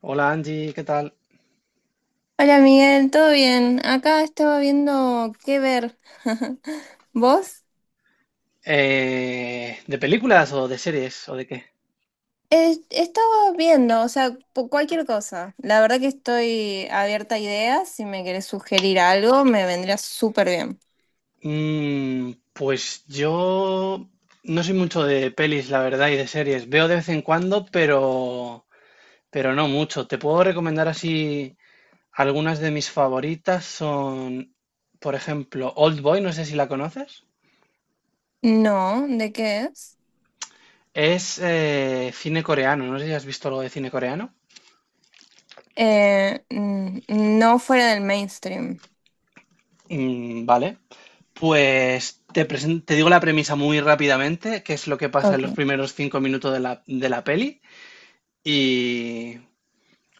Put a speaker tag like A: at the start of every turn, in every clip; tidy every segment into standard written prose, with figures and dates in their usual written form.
A: Hola Angie, ¿qué tal?
B: Hola Miguel, ¿todo bien? Acá estaba viendo qué ver. ¿Vos?
A: ¿De películas o de series o de qué?
B: Estaba viendo, o sea, cualquier cosa. La verdad que estoy abierta a ideas. Si me querés sugerir algo, me vendría súper bien.
A: Pues yo no soy mucho de pelis, la verdad, y de series. Veo de vez en cuando, pero no mucho. Te puedo recomendar así algunas de mis favoritas son, por ejemplo, Old Boy, no sé si la conoces.
B: No, ¿de qué es?
A: Es cine coreano, no sé si has visto algo de cine coreano.
B: Eh, mm, no fuera del mainstream.
A: Mm, vale. Pues te digo la premisa muy rápidamente, que es lo que pasa en los
B: Ok.
A: primeros 5 minutos de la peli. Y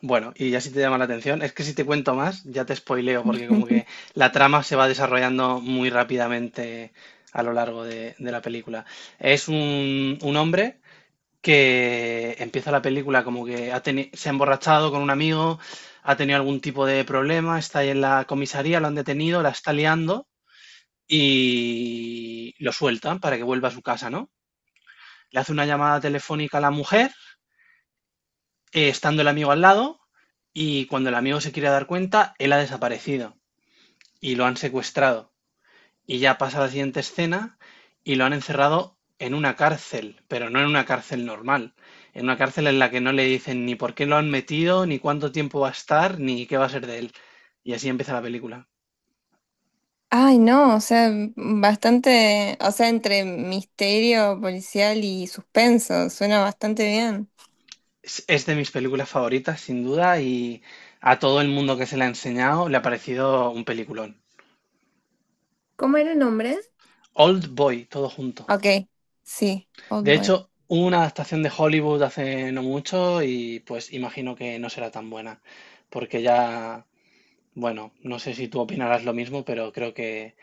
A: bueno, y ya si te llama la atención, es que si te cuento más, ya te spoileo, porque como que la trama se va desarrollando muy rápidamente a lo largo de la película. Es un hombre que empieza la película como que se ha emborrachado con un amigo, ha tenido algún tipo de problema, está ahí en la comisaría, lo han detenido, la está liando y lo sueltan para que vuelva a su casa, ¿no? Le hace una llamada telefónica a la mujer, estando el amigo al lado, y cuando el amigo se quiere dar cuenta, él ha desaparecido y lo han secuestrado. Y ya pasa la siguiente escena y lo han encerrado en una cárcel, pero no en una cárcel normal, en una cárcel en la que no le dicen ni por qué lo han metido, ni cuánto tiempo va a estar, ni qué va a ser de él. Y así empieza la película.
B: Ay, no, o sea, bastante, o sea, entre misterio policial y suspenso. Suena bastante bien.
A: Es de mis películas favoritas, sin duda, y a todo el mundo que se la ha enseñado le ha parecido un peliculón.
B: ¿Cómo era el nombre?
A: Old Boy, todo junto.
B: Ok, sí,
A: De
B: Old Boy.
A: hecho, hubo una adaptación de Hollywood hace no mucho y pues imagino que no será tan buena, porque ya, bueno, no sé si tú opinarás lo mismo, pero creo que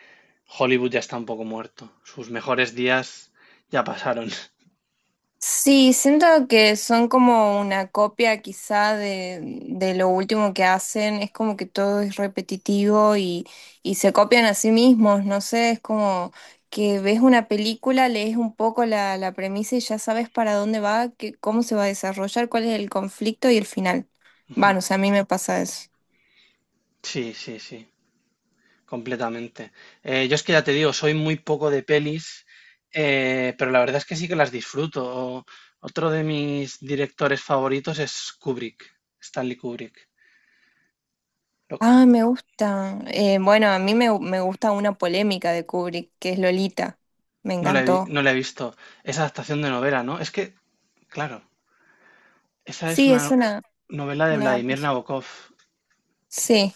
A: Hollywood ya está un poco muerto. Sus mejores días ya pasaron.
B: Sí, siento que son como una copia quizá de lo último que hacen, es como que todo es repetitivo y se copian a sí mismos, no sé, es como que ves una película, lees un poco la premisa y ya sabes para dónde va, que, cómo se va a desarrollar, cuál es el conflicto y el final.
A: Ujú.
B: Bueno, o sea, a mí me pasa eso.
A: Sí, sí, sí. Completamente. Yo es que ya te digo, soy muy poco de pelis, pero la verdad es que sí que las disfruto. Otro de mis directores favoritos es Kubrick, Stanley Kubrick. Lo-
B: Ah, me gusta. Bueno, a mí me gusta una polémica de Kubrick, que es Lolita. Me
A: no
B: encantó.
A: no la he visto. Esa adaptación de novela, ¿no? Es que, claro, esa es
B: Sí,
A: una
B: es
A: no- novela de
B: una,
A: Vladimir Nabokov.
B: sí,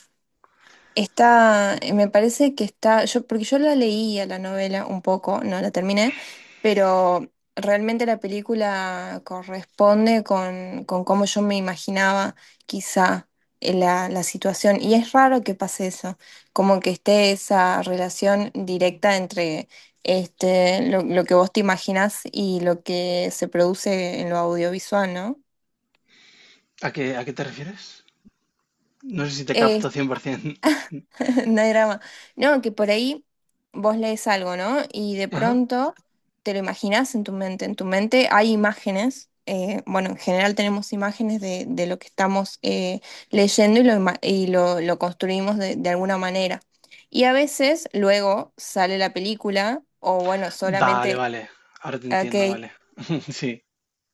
B: está, me parece que está, yo, porque yo la leía la novela un poco, no la terminé, pero realmente la película corresponde con cómo yo me imaginaba quizá la, la situación. Y es raro que pase eso, como que esté esa relación directa entre este, lo que vos te imaginás y lo que se produce en lo audiovisual, ¿no?
A: ¿A qué te refieres? No sé si te
B: Eh,
A: capto 100%.
B: No hay drama. No, que por ahí vos lees algo, ¿no? Y de
A: Ajá.
B: pronto te lo imaginás en tu mente. En tu mente hay imágenes. Bueno, en general tenemos imágenes de lo que estamos leyendo y lo, y lo construimos de alguna manera. Y a veces luego sale la película o bueno,
A: Vale,
B: solamente,
A: vale. Ahora te
B: ok.
A: entiendo, vale. Sí,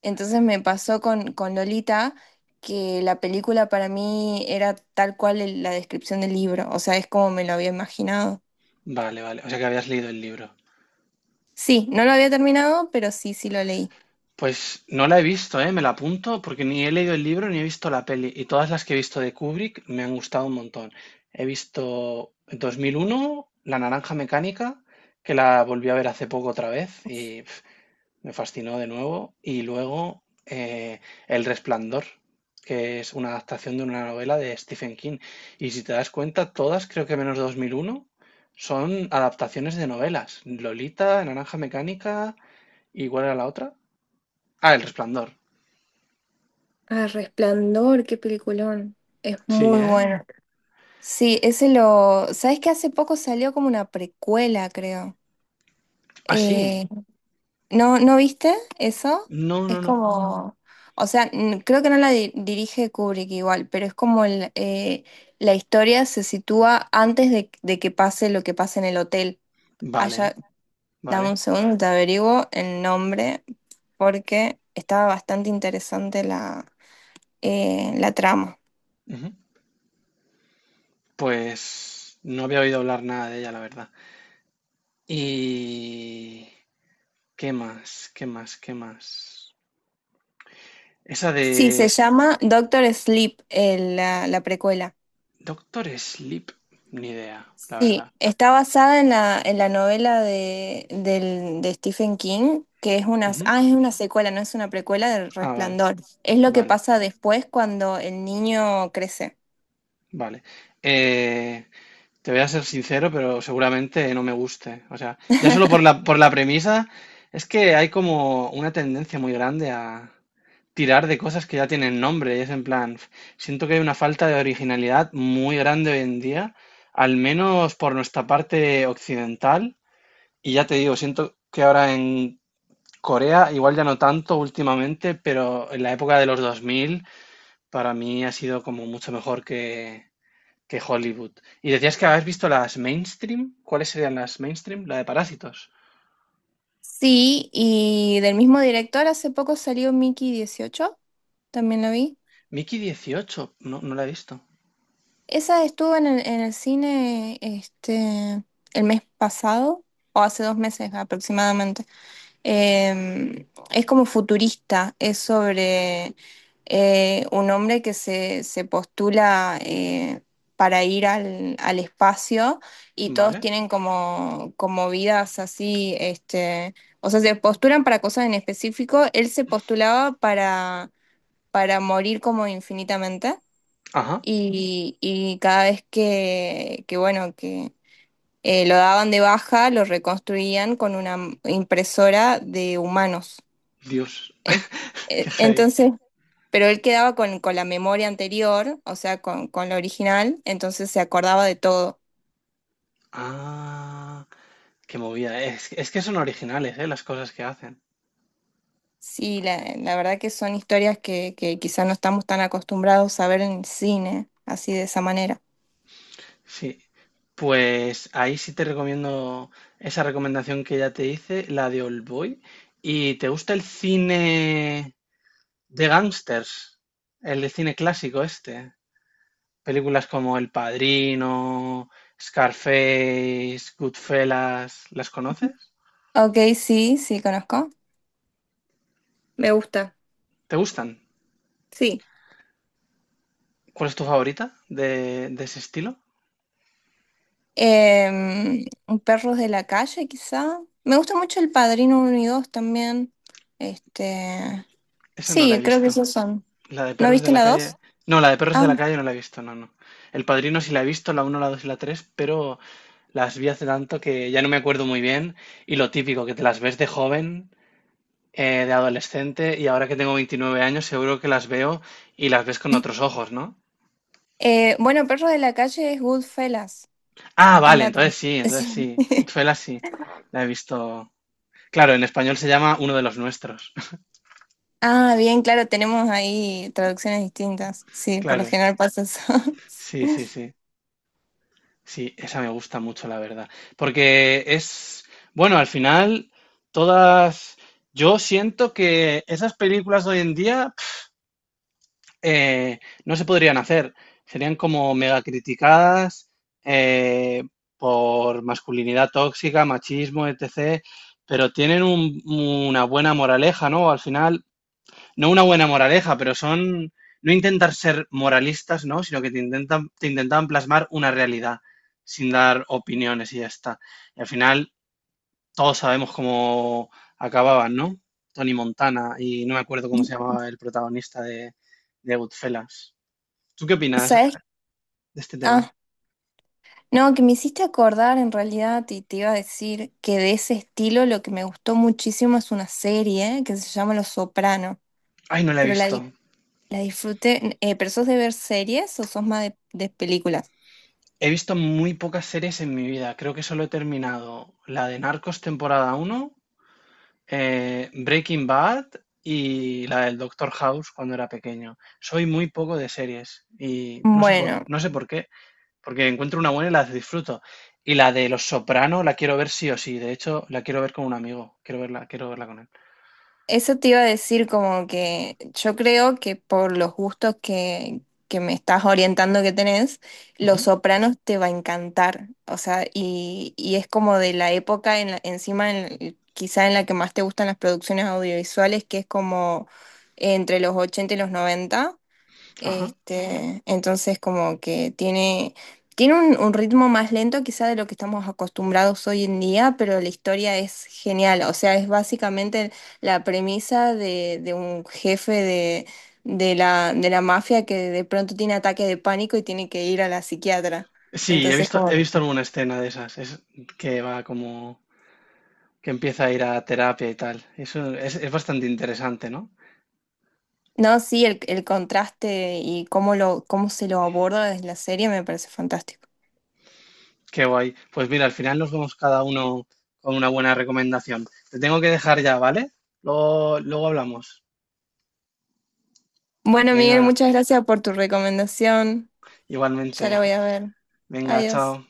B: Entonces me pasó con Lolita que la película para mí era tal cual la descripción del libro. O sea, es como me lo había imaginado.
A: vale, vale. O sea que habías leído el libro.
B: Sí, no lo había terminado, pero sí, sí lo leí.
A: Pues no la he visto, ¿eh? Me la apunto porque ni he leído el libro ni he visto la peli. Y todas las que he visto de Kubrick me han gustado un montón. He visto 2001, La Naranja Mecánica, que la volví a ver hace poco otra vez y pf, me fascinó de nuevo. Y luego El Resplandor, que es una adaptación de una novela de Stephen King. Y si te das cuenta, todas, creo que menos 2001, son adaptaciones de novelas. Lolita, Naranja Mecánica, ¿y cuál era la otra? Ah, El Resplandor.
B: Ah, Resplandor, qué peliculón. Es
A: Sí,
B: muy muy...
A: ¿eh?
B: bueno. Sí, ese lo... ¿Sabes que hace poco salió como una precuela, creo?
A: Ah, sí.
B: Eh, ¿No, no viste eso?
A: No,
B: Es
A: no, no.
B: como... O sea, creo que no la dirige Kubrick igual, pero es como el, la historia se sitúa antes de que pase lo que pasa en el hotel.
A: Vale,
B: Allá, dame
A: vale.
B: un segundo, te averiguo el nombre porque estaba bastante interesante la, la trama.
A: Ujú. Pues no había oído hablar nada de ella, la verdad. ¿Y qué más? ¿Qué más? ¿Qué más? Esa de
B: Sí, se llama Doctor Sleep, la, la precuela.
A: Doctor Sleep, ni idea, la
B: Sí,
A: verdad.
B: está basada en la novela de, de Stephen King, que es una,
A: Ujú.
B: ah, es una secuela, no es una precuela del
A: Ah, vale,
B: Resplandor. Es lo que
A: vale,
B: pasa después cuando el niño crece.
A: vale. Eh, Te voy a ser sincero, pero seguramente no me guste. O sea, ya solo por la, por, la premisa, es que hay como una tendencia muy grande a tirar de cosas que ya tienen nombre. Y es en plan, siento que hay una falta de originalidad muy grande hoy en día, al menos por nuestra parte occidental. Y ya te digo, siento que ahora en Corea, igual ya no tanto últimamente, pero en la época de los 2000 para mí ha sido como mucho mejor que Hollywood. Y decías que habías visto las mainstream. ¿Cuáles serían las mainstream? La de Parásitos.
B: Sí, y del mismo director hace poco salió Mickey 18, también lo vi.
A: Mickey 18. No, no la he visto.
B: Esa estuvo en el cine este, el mes pasado, o hace dos meses aproximadamente. Es como futurista, es sobre un hombre que se postula para ir al, al espacio y todos
A: ¿Vale?
B: tienen como, como vidas así, este, o sea, se postulan para cosas en específico. Él se postulaba para morir como infinitamente
A: Ajá.
B: y cada vez que bueno, que lo daban de baja, lo reconstruían con una impresora de humanos.
A: Dios,
B: En-
A: qué heavy.
B: Entonces, pero él quedaba con la memoria anterior, o sea, con la original, entonces se acordaba de todo.
A: Ah, qué movida. Es que son originales, ¿eh? Las cosas que hacen.
B: Sí, la verdad que son historias que quizás no estamos tan acostumbrados a ver en el cine, así de esa manera.
A: Sí. Pues ahí sí te recomiendo esa recomendación que ya te hice, la de Old Boy. ¿Y te gusta el cine de gángsters? El de cine clásico este. Películas como El Padrino, Scarface, Goodfellas, ¿las conoces?
B: Ok, sí, sí, conozco. Me gusta.
A: ¿Te gustan?
B: Sí.
A: ¿Cuál es tu favorita de ese estilo?
B: Em, Perros de la calle, quizá. Me gusta mucho El Padrino uno y 2 también. Este,
A: Esa no la
B: sí,
A: he
B: creo que
A: visto.
B: esos son.
A: La de
B: ¿No
A: Perros de
B: viste
A: la
B: la
A: Calle.
B: 2?
A: No, la de Perros de
B: Ah,
A: la Calle no la he visto, no, no. El Padrino sí la he visto, la uno, la 2 y la 3, pero las vi hace tanto que ya no me acuerdo muy bien. Y lo típico, que te las ves de joven, de adolescente, y ahora que tengo 29 años, seguro que las veo y las ves con otros ojos, ¿no?
B: bueno, Perros de la calle es Goodfellas.
A: Ah,
B: Es
A: vale,
B: la...
A: entonces sí, entonces
B: sí.
A: sí. Goodfellas sí, la he visto. Claro, en español se llama Uno de los nuestros.
B: Ah, bien, claro, tenemos ahí traducciones distintas. Sí, por lo
A: Claro,
B: general pasa eso.
A: sí, sí, sí. Sí, esa me gusta mucho, la verdad. Porque es, bueno, al final, todas... Yo siento que esas películas de hoy en día eh, no se podrían hacer. Serían como mega criticadas eh, por masculinidad tóxica, machismo, etc. Pero tienen una buena moraleja, ¿no? Al final no una buena moraleja, pero son no intentar ser moralistas, ¿no? Sino que te intentan, te intentaban plasmar una realidad sin dar opiniones y ya está. Y al final todos sabemos cómo acababan, ¿no? Tony Montana y no me acuerdo cómo se llamaba el protagonista de, Goodfellas. ¿Tú qué opinas
B: ¿Sabes?
A: de este tema?
B: Ah, no, que me hiciste acordar en realidad y te iba a decir que de ese estilo lo que me gustó muchísimo es una serie que se llama Los Sopranos.
A: Ay, no la he
B: Pero la,
A: visto.
B: la disfruté. ¿Pero sos de ver series o sos más de películas?
A: He visto muy pocas series en mi vida. Creo que solo he terminado la de Narcos temporada uno Breaking Bad y la del Doctor House cuando era pequeño. Soy muy poco de series y no sé por,
B: Bueno,
A: qué, porque encuentro una buena y las disfruto. Y la de Los Soprano la quiero ver sí o sí. De hecho, la quiero ver con un amigo. Quiero verla con él.
B: eso te iba a decir como que yo creo que por los gustos que me estás orientando que tenés, Los
A: Ujú.
B: Sopranos te va a encantar. O sea, y es como de la época en encima quizá en la que más te gustan las producciones audiovisuales, que es como entre los 80 y los 90.
A: Ajá.
B: Este, entonces como que tiene, tiene un ritmo más lento quizá de lo que estamos acostumbrados hoy en día, pero la historia es genial. O sea, es básicamente la premisa de un jefe de la mafia que de pronto tiene ataque de pánico y tiene que ir a la psiquiatra.
A: Sí, he
B: Entonces,
A: visto, he
B: como...
A: visto alguna escena de esas. Es que va como que empieza a ir a terapia y tal. Eso es bastante interesante, ¿no?
B: No, sí, el contraste y cómo lo, cómo se lo aborda desde la serie me parece fantástico.
A: Qué guay. Pues mira, al final nos vamos cada uno con una buena recomendación. Te tengo que dejar ya, ¿vale? Luego, luego hablamos.
B: Bueno, Miguel,
A: Venga,
B: muchas gracias por tu recomendación.
A: igualmente.
B: Ya la voy a ver.
A: Venga,
B: Adiós.
A: chao.